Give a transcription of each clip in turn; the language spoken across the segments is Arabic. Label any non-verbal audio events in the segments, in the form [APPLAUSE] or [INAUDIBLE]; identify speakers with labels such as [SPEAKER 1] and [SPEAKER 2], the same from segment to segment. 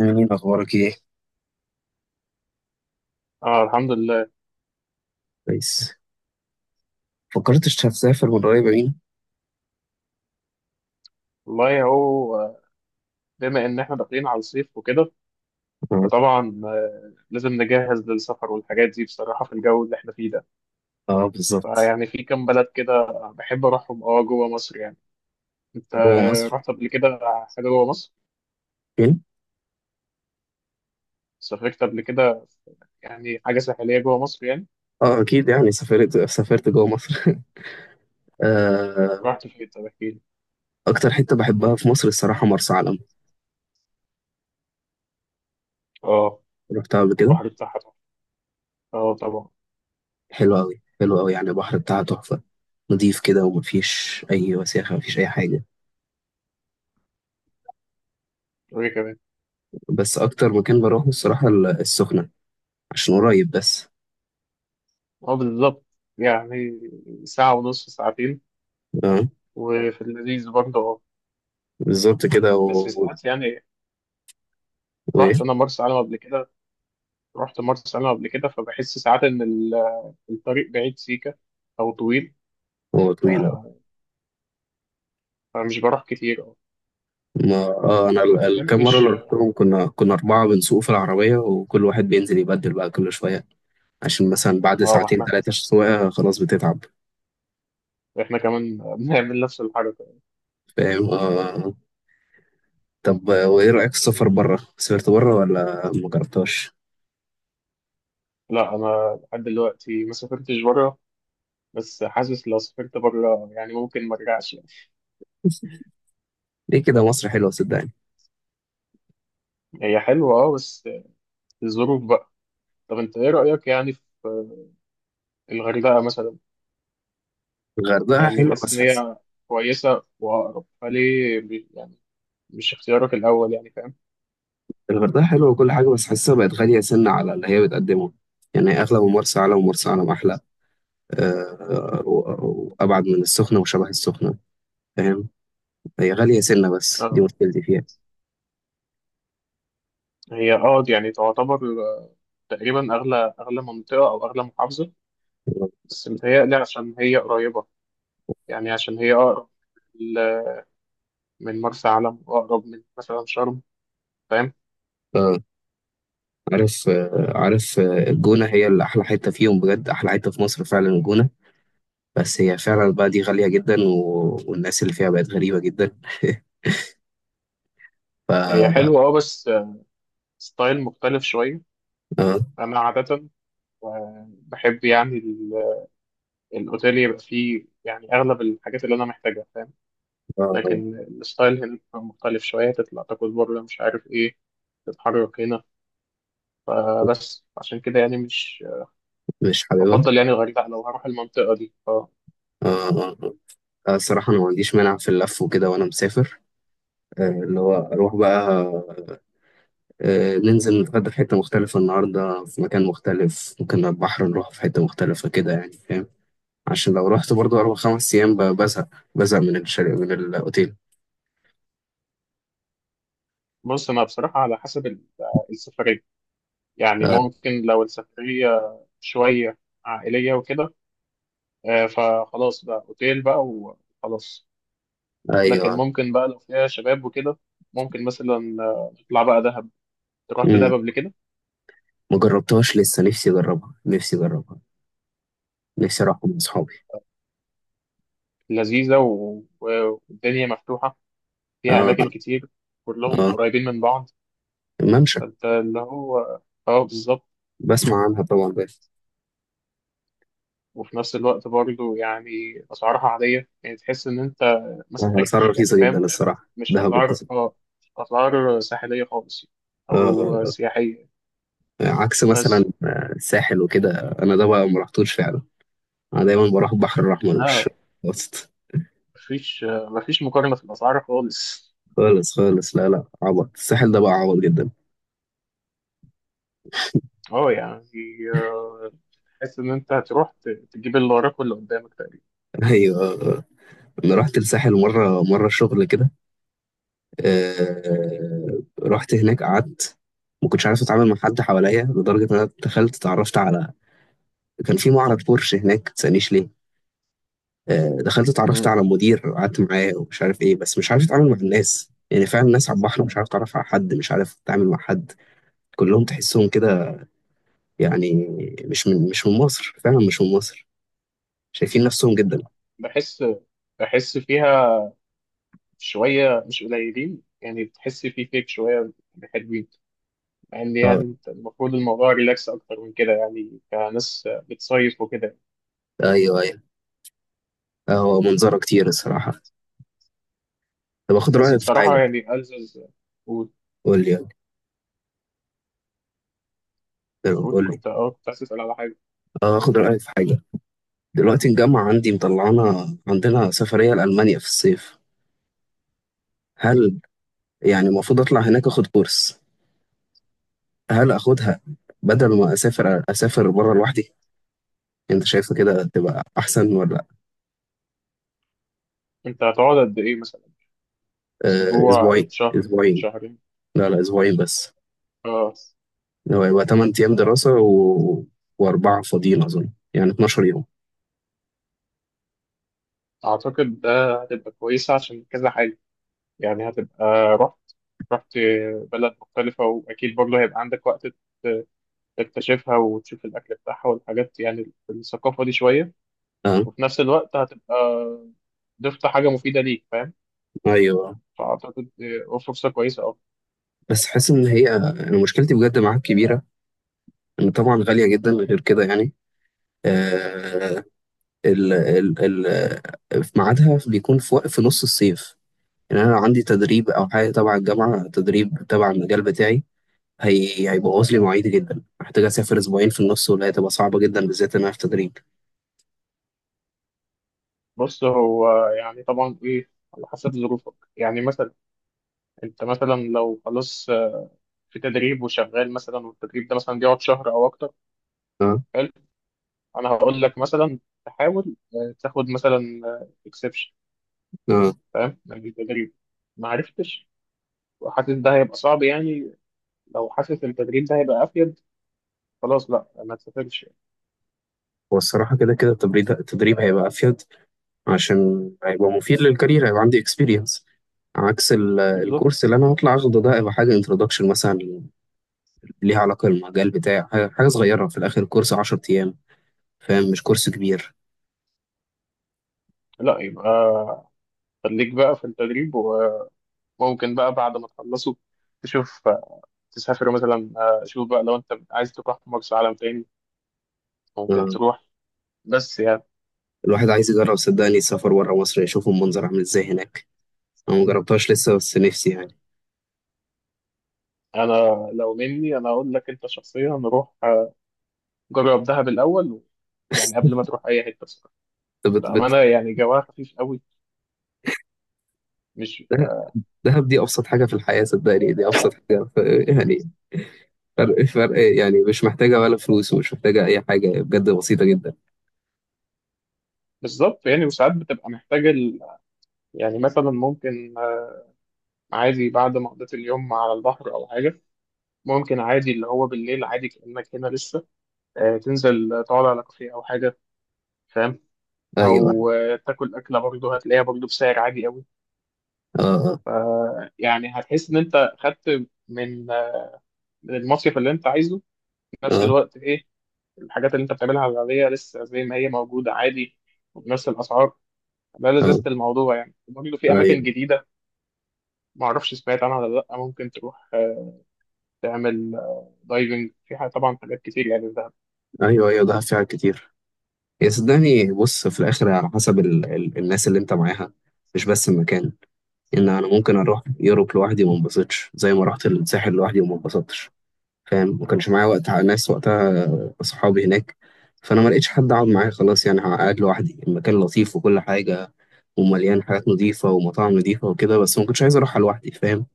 [SPEAKER 1] أمين، أخبارك إيه؟
[SPEAKER 2] اه الحمد لله.
[SPEAKER 1] كويس. فكرتش هتسافر من قريب أمين؟
[SPEAKER 2] والله هو بما ان احنا داخلين على الصيف وكده
[SPEAKER 1] آه.
[SPEAKER 2] فطبعا لازم نجهز للسفر والحاجات دي بصراحة في الجو اللي احنا فيه ده.
[SPEAKER 1] آه، بالظبط.
[SPEAKER 2] فيعني في كام بلد كده بحب اروحهم اه، جوه مصر يعني. انت
[SPEAKER 1] جوه مصر
[SPEAKER 2] رحت قبل كده حاجة جوه مصر؟
[SPEAKER 1] فين؟
[SPEAKER 2] سافرت قبل كده؟ يعني حاجة ساحلية جوه مصر يعني.
[SPEAKER 1] آه، أكيد يعني سافرت سافرت جوه مصر [LAUGHS] آه.
[SPEAKER 2] رحت فين؟ طب احكي لي.
[SPEAKER 1] أكتر حتة بحبها في مصر الصراحة مرسى علم.
[SPEAKER 2] اه،
[SPEAKER 1] رحتها قبل كده.
[SPEAKER 2] البحر بتاعها طبعا. اه طبعا.
[SPEAKER 1] حلوة أوي، حلوة أوي، يعني البحر بتاعها تحفة. نضيف كده، ومفيش أي وساخة، مفيش أي حاجة.
[SPEAKER 2] وايه كمان؟
[SPEAKER 1] بس أكتر مكان بروحه الصراحة السخنة، عشان قريب بس.
[SPEAKER 2] اه بالظبط، يعني ساعة ونص، ساعتين.
[SPEAKER 1] آه،
[SPEAKER 2] وفي اللذيذ برضه اه،
[SPEAKER 1] بالظبط كده
[SPEAKER 2] بس ساعات يعني.
[SPEAKER 1] وإيه؟
[SPEAKER 2] رحت انا مرسى علم قبل كده، رحت مرسى علم قبل كده، فبحس ساعات ان الطريق بعيد سيكه او طويل.
[SPEAKER 1] هو
[SPEAKER 2] ف-
[SPEAKER 1] طويلة.
[SPEAKER 2] فمش بروح كتير أو
[SPEAKER 1] ما اه، انا
[SPEAKER 2] ما
[SPEAKER 1] الكام مره
[SPEAKER 2] بحبش.
[SPEAKER 1] اللي رحتهم كنا اربعه بنسوق في العربيه، وكل واحد بينزل يبدل بقى كل شويه، عشان مثلا بعد
[SPEAKER 2] اه، ما
[SPEAKER 1] ساعتين
[SPEAKER 2] احنا،
[SPEAKER 1] ثلاثه سواقه خلاص بتتعب.
[SPEAKER 2] احنا كمان [LAUGHS] بنعمل نفس الحركه.
[SPEAKER 1] فاهم؟ آه. طب آه، وايه رايك في السفر بره؟ سافرت بره ولا ما جربتهاش؟
[SPEAKER 2] لا، انا لحد دلوقتي ما سافرتش بره. بس حاسس لو سافرت بره يعني ممكن ما ارجعش يعني.
[SPEAKER 1] ليه كده؟ مصر حلوه صدقني.
[SPEAKER 2] هي حلوه اه، بس الظروف بقى. طب انت ايه رايك يعني في الغردقه مثلا؟
[SPEAKER 1] الغردقه
[SPEAKER 2] يعني
[SPEAKER 1] حلوه
[SPEAKER 2] حاسس
[SPEAKER 1] بس
[SPEAKER 2] ان
[SPEAKER 1] حاسس.
[SPEAKER 2] هي كويسه واقرب فليه، يعني مش اختيارك الاول يعني، فاهم.
[SPEAKER 1] الغردقه حلوه وكل حاجه، بس حاسسها بقت غاليه سنه على اللي هي بتقدمه. يعني اغلى من مرسى علم، ومرسى علم احلى. آه، وابعد من السخنه وشبه السخنه. فاهم؟ هي غاليه سنه، بس دي
[SPEAKER 2] آه.
[SPEAKER 1] مشكلتي فيها.
[SPEAKER 2] هي اه، دي يعني تعتبر، آه، تقريبا اغلى اغلى منطقه او اغلى محافظه. بس متهيألي عشان هي قريبه، يعني عشان هي اقرب ل- من مرسى علم واقرب من مثلا شرم، فاهم.
[SPEAKER 1] اه، عارف آه، عارف آه، الجونة هي اللي أحلى حتة فيهم، بجد أحلى حتة في مصر فعلا الجونة. بس هي فعلا بقى دي غالية جدا والناس اللي فيها بقت غريبة جدا. ف
[SPEAKER 2] هي
[SPEAKER 1] آه،
[SPEAKER 2] حلوه اه بس ستايل مختلف شويه. انا عاده آه، بحب يعني الاوتيل يبقى فيه يعني اغلب الحاجات اللي انا محتاجها، فاهم.
[SPEAKER 1] آه،
[SPEAKER 2] لكن الستايل هنا بيبقى مختلف شويه، تطلع تاكل بره مش عارف ايه، تتحرك هنا. فبس عشان كده يعني مش
[SPEAKER 1] مش حاببها.
[SPEAKER 2] بفضل يعني الغردقة لو هروح المنطقة دي اه.
[SPEAKER 1] آه، آه، آه، الصراحة أنا ما عنديش مانع في اللف وكده وأنا مسافر. آه، اللي هو أروح بقى. آه، ننزل نتغدى في حتة مختلفة النهاردة، في مكان مختلف، ممكن على البحر نروح في حتة مختلفة كده يعني. فاهم؟ عشان لو رحت برضه أربع خمس أيام بزهق. بزهق من من الأوتيل.
[SPEAKER 2] بص، أنا بصراحة على حسب السفرية. يعني
[SPEAKER 1] آه،
[SPEAKER 2] ممكن لو السفرية شوية عائلية وكده فخلاص بقى أوتيل بقى وخلاص. لكن
[SPEAKER 1] ايوه.
[SPEAKER 2] ممكن بقى لو فيها شباب وكده ممكن مثلا نطلع بقى دهب، رحت
[SPEAKER 1] امم،
[SPEAKER 2] دهب قبل كده.
[SPEAKER 1] ما جربتهاش لسه. نفسي اجربها، نفسي اجربها. نفسي اروح مع اصحابي.
[SPEAKER 2] لذيذة والدنيا مفتوحة فيها
[SPEAKER 1] اه.
[SPEAKER 2] أماكن كتير كلهم
[SPEAKER 1] اه،
[SPEAKER 2] قريبين من بعض.
[SPEAKER 1] الممشى.
[SPEAKER 2] فأنت اللي هو اه، بالظبط.
[SPEAKER 1] بسمع عنها طبعا بس.
[SPEAKER 2] وفي نفس الوقت برضه يعني أسعارها عادية، يعني تحس إن أنت ما
[SPEAKER 1] آه، اسعارها
[SPEAKER 2] سافرتش يعني،
[SPEAKER 1] رخيصه جدا
[SPEAKER 2] فاهم.
[SPEAKER 1] الصراحه،
[SPEAKER 2] مش
[SPEAKER 1] دهب
[SPEAKER 2] أسعار،
[SPEAKER 1] رخيصه.
[SPEAKER 2] أسعار ساحلية خالص
[SPEAKER 1] اه
[SPEAKER 2] أو
[SPEAKER 1] آه،
[SPEAKER 2] سياحية.
[SPEAKER 1] آه. عكس مثلا
[SPEAKER 2] بس
[SPEAKER 1] آه، الساحل وكده. انا ده بقى ما رحتوش فعلا. انا دايما بروح البحر الاحمر، مش
[SPEAKER 2] لا،
[SPEAKER 1] وسط.
[SPEAKER 2] مفيش مقارنة في الأسعار خالص.
[SPEAKER 1] خالص خالص، لا لا، عبط الساحل ده بقى، عبط جدا
[SPEAKER 2] اه يعني تحس إن أنت هتروح تجيب اللي وراك واللي قدامك تقريبا.
[SPEAKER 1] [LAUGHS] ايوه. انا رحت الساحل مره مره شغل كده. آه، رحت هناك قعدت، ما كنتش عارف اتعامل مع حد حواليا، لدرجه ان انا دخلت اتعرفت على، كان في معرض بورش هناك، ما تسألنيش ليه. آه، دخلت اتعرفت
[SPEAKER 2] مم.
[SPEAKER 1] على المدير وقعدت معاه ومش عارف ايه، بس مش عارف اتعامل مع الناس يعني. فعلا الناس على البحر، مش عارف اتعرف على حد، مش عارف اتعامل مع حد. كلهم تحسهم كده يعني، مش من مصر، فعلا مش من مصر. شايفين نفسهم جدا.
[SPEAKER 2] بحس بحس فيها شوية مش قليلين يعني، تحس في فيك شوية حلوين. مع ان
[SPEAKER 1] اه.
[SPEAKER 2] يعني انت المفروض الموضوع ريلاكس اكتر من كده يعني كناس بتصيف وكده.
[SPEAKER 1] ايوه، ايوه. آه، هو منظره كتير الصراحه. طب اخد
[SPEAKER 2] بس
[SPEAKER 1] رايك في
[SPEAKER 2] بصراحه
[SPEAKER 1] حاجه.
[SPEAKER 2] يعني ألزز. قول،
[SPEAKER 1] قول لي يلا. يلا،
[SPEAKER 2] قول
[SPEAKER 1] قول لي.
[SPEAKER 2] كنت كنت عايز اسال على حاجه.
[SPEAKER 1] آه، اخد رايك في حاجه. دلوقتي الجامعه عندي مطلعانا، عندنا سفريه لالمانيا في الصيف. هل يعني المفروض اطلع هناك اخد كورس؟ هل اخدها بدل ما اسافر، اسافر بره لوحدي؟ انت شايفه كده تبقى احسن ولا؟
[SPEAKER 2] انت هتقعد قد ايه مثلا؟
[SPEAKER 1] آه،
[SPEAKER 2] اسبوع،
[SPEAKER 1] اسبوعين
[SPEAKER 2] شهر،
[SPEAKER 1] اسبوعين.
[SPEAKER 2] شهرين؟
[SPEAKER 1] لا لا، اسبوعين بس.
[SPEAKER 2] اه،
[SPEAKER 1] لو هيبقى 8 ايام دراسه واربعه فاضيين، اظن يعني 12 يوم.
[SPEAKER 2] اعتقد ده هتبقى كويسه عشان كذا حاجه. يعني هتبقى، رحت رحت بلد مختلفه واكيد برضه هيبقى عندك وقت ت- تكتشفها وتشوف الاكل بتاعها والحاجات يعني الثقافه دي شويه.
[SPEAKER 1] اه.
[SPEAKER 2] وفي نفس الوقت هتبقى ضفت حاجه مفيده ليك، فاهم.
[SPEAKER 1] ايوه.
[SPEAKER 2] فأعتقد فرصة كويسة أوي.
[SPEAKER 1] بس حاسس ان هي، انا مشكلتي بجد معاك كبيره، ان طبعا غاليه جدا غير كده يعني. آه. ال... ال... في ميعادها بيكون في في نص الصيف. يعني انا عندي تدريب او حاجه تبع الجامعه، تدريب تبع المجال بتاعي. هي هيبوظ لي مواعيدي جدا. محتاج اسافر اسبوعين في النص ولا هتبقى صعبه جدا بالذات ان انا في تدريب.
[SPEAKER 2] بص، هو يعني طبعا إيه، على حسب ظروفك، يعني مثلا أنت مثلا لو خلاص في تدريب وشغال مثلا والتدريب ده مثلا بيقعد شهر أو أكتر.
[SPEAKER 1] اه،
[SPEAKER 2] حلو، أنا هقول لك مثلا تحاول تاخد مثلا إكسبشن،
[SPEAKER 1] اه.
[SPEAKER 2] فاهم، من التدريب. ما عرفتش وحاسس ده هيبقى صعب يعني، لو حاسس التدريب ده هيبقى أفيد خلاص، لا ما تسافرش.
[SPEAKER 1] هو الصراحه كده كده التدريب هيبقى افيد، عشان هيبقى مفيد للكارير، هيبقى عندي اكسبيرينس. عكس الكورس
[SPEAKER 2] بالظبط.
[SPEAKER 1] اللي انا هطلع اخده ده، هيبقى حاجه انتروداكشن مثلا. ليها علاقه بالمجال بتاعي، حاجة صغيره في الاخر، كورس 10 ايام. فاهم؟ مش كورس كبير.
[SPEAKER 2] لا يبقى خليك بقى في التدريب. وممكن بقى بعد ما تخلصه تشوف تسافر مثلا، شوف بقى لو انت عايز تروح مرسى علم تاني ممكن
[SPEAKER 1] آه.
[SPEAKER 2] تروح. بس يعني
[SPEAKER 1] الواحد عايز يجرب صدقني السفر بره مصر، يشوف المنظر عامل ازاي هناك. انا مجربتهاش لسه بس نفسي يعني.
[SPEAKER 2] انا، لو مني انا اقول لك انت شخصيا روح، جرب دهب الاول. يعني قبل
[SPEAKER 1] [LAUGHS]
[SPEAKER 2] ما تروح اي حته، بصراحه
[SPEAKER 1] انت بت
[SPEAKER 2] بامانه
[SPEAKER 1] بت
[SPEAKER 2] يعني جواها خفيف قوي. مش
[SPEAKER 1] دهب دي أبسط حاجة في الحياة صدقني، دي أبسط حاجة [LAUGHS] يعني. فرق يعني، مش محتاجة ولا فلوس، ومش محتاجة أي حاجة، بجد بسيطة جدا.
[SPEAKER 2] بالظبط يعني، وساعات بتبقى محتاج يعني مثلا ممكن عادي بعد ما قضيت اليوم على البحر او حاجه ممكن عادي، اللي هو بالليل عادي كأنك هنا لسه، تنزل تقعد على كافيه او حاجه، فاهم.
[SPEAKER 1] أيوه.
[SPEAKER 2] او تاكل اكله برضه هتلاقيها برضه بسعر عادي قوي.
[SPEAKER 1] أه، أه،
[SPEAKER 2] يعني هتحس ان انت خدت من من المصيف اللي انت عايزه، في نفس
[SPEAKER 1] أه.
[SPEAKER 2] الوقت ايه الحاجات اللي انت بتعملها العاديه لسه زي ما هي موجوده عادي وبنفس الاسعار. ده لذة
[SPEAKER 1] آه،
[SPEAKER 2] الموضوع، يعني برضه في اماكن
[SPEAKER 1] أيوه،
[SPEAKER 2] جديده. ما اعرفش سمعت عنها ولا لا، ممكن تروح تعمل دايفنج في طبعا حاجات كتير يعني في دهب.
[SPEAKER 1] أيوه. أيوه، دهب فيها كتير. يا صدقني، بص في الآخر على حسب ال الناس اللي أنت معاها، مش بس المكان. إن أنا ممكن أروح يوروب لوحدي وما انبسطش، زي ما رحت الساحل لوحدي وما انبسطتش. فاهم؟ ما كانش معايا وقت ناس، وقتها أصحابي هناك، فأنا ما لقيتش حد أقعد معاه. خلاص يعني قاعد لوحدي، المكان لطيف وكل حاجة، ومليان حاجات نظيفة ومطاعم نظيفة وكده، بس ما كنتش عايز أروحها لوحدي. فاهم؟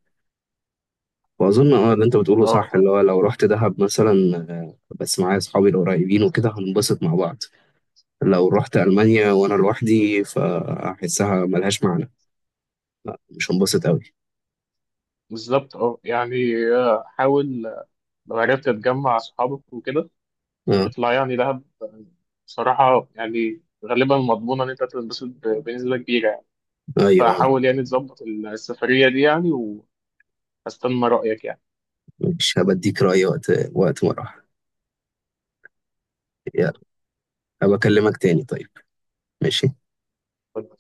[SPEAKER 1] وأظن أه اللي أنت بتقوله
[SPEAKER 2] اه
[SPEAKER 1] صح، اللي هو لو رحت دهب مثلا آه، بس معايا أصحابي القريبين وكده هننبسط مع بعض. لو رحت ألمانيا وأنا لوحدي فأحسها ملهاش معنى. لا، مش هنبسط أوي.
[SPEAKER 2] بالظبط، اه يعني حاول لو عرفت تجمع اصحابك وكده
[SPEAKER 1] أه.
[SPEAKER 2] اطلع يعني دهب بصراحه يعني غالبا مضمونه ان انت تنبسط بنسبه كبيره يعني.
[SPEAKER 1] أيوه.
[SPEAKER 2] فحاول يعني تظبط السفرية دي يعني، وهستنى رأيك
[SPEAKER 1] مش هبديك رأي وقت ما أروح. يا، هبكلمك تاني طيب. ماشي.
[SPEAKER 2] يعني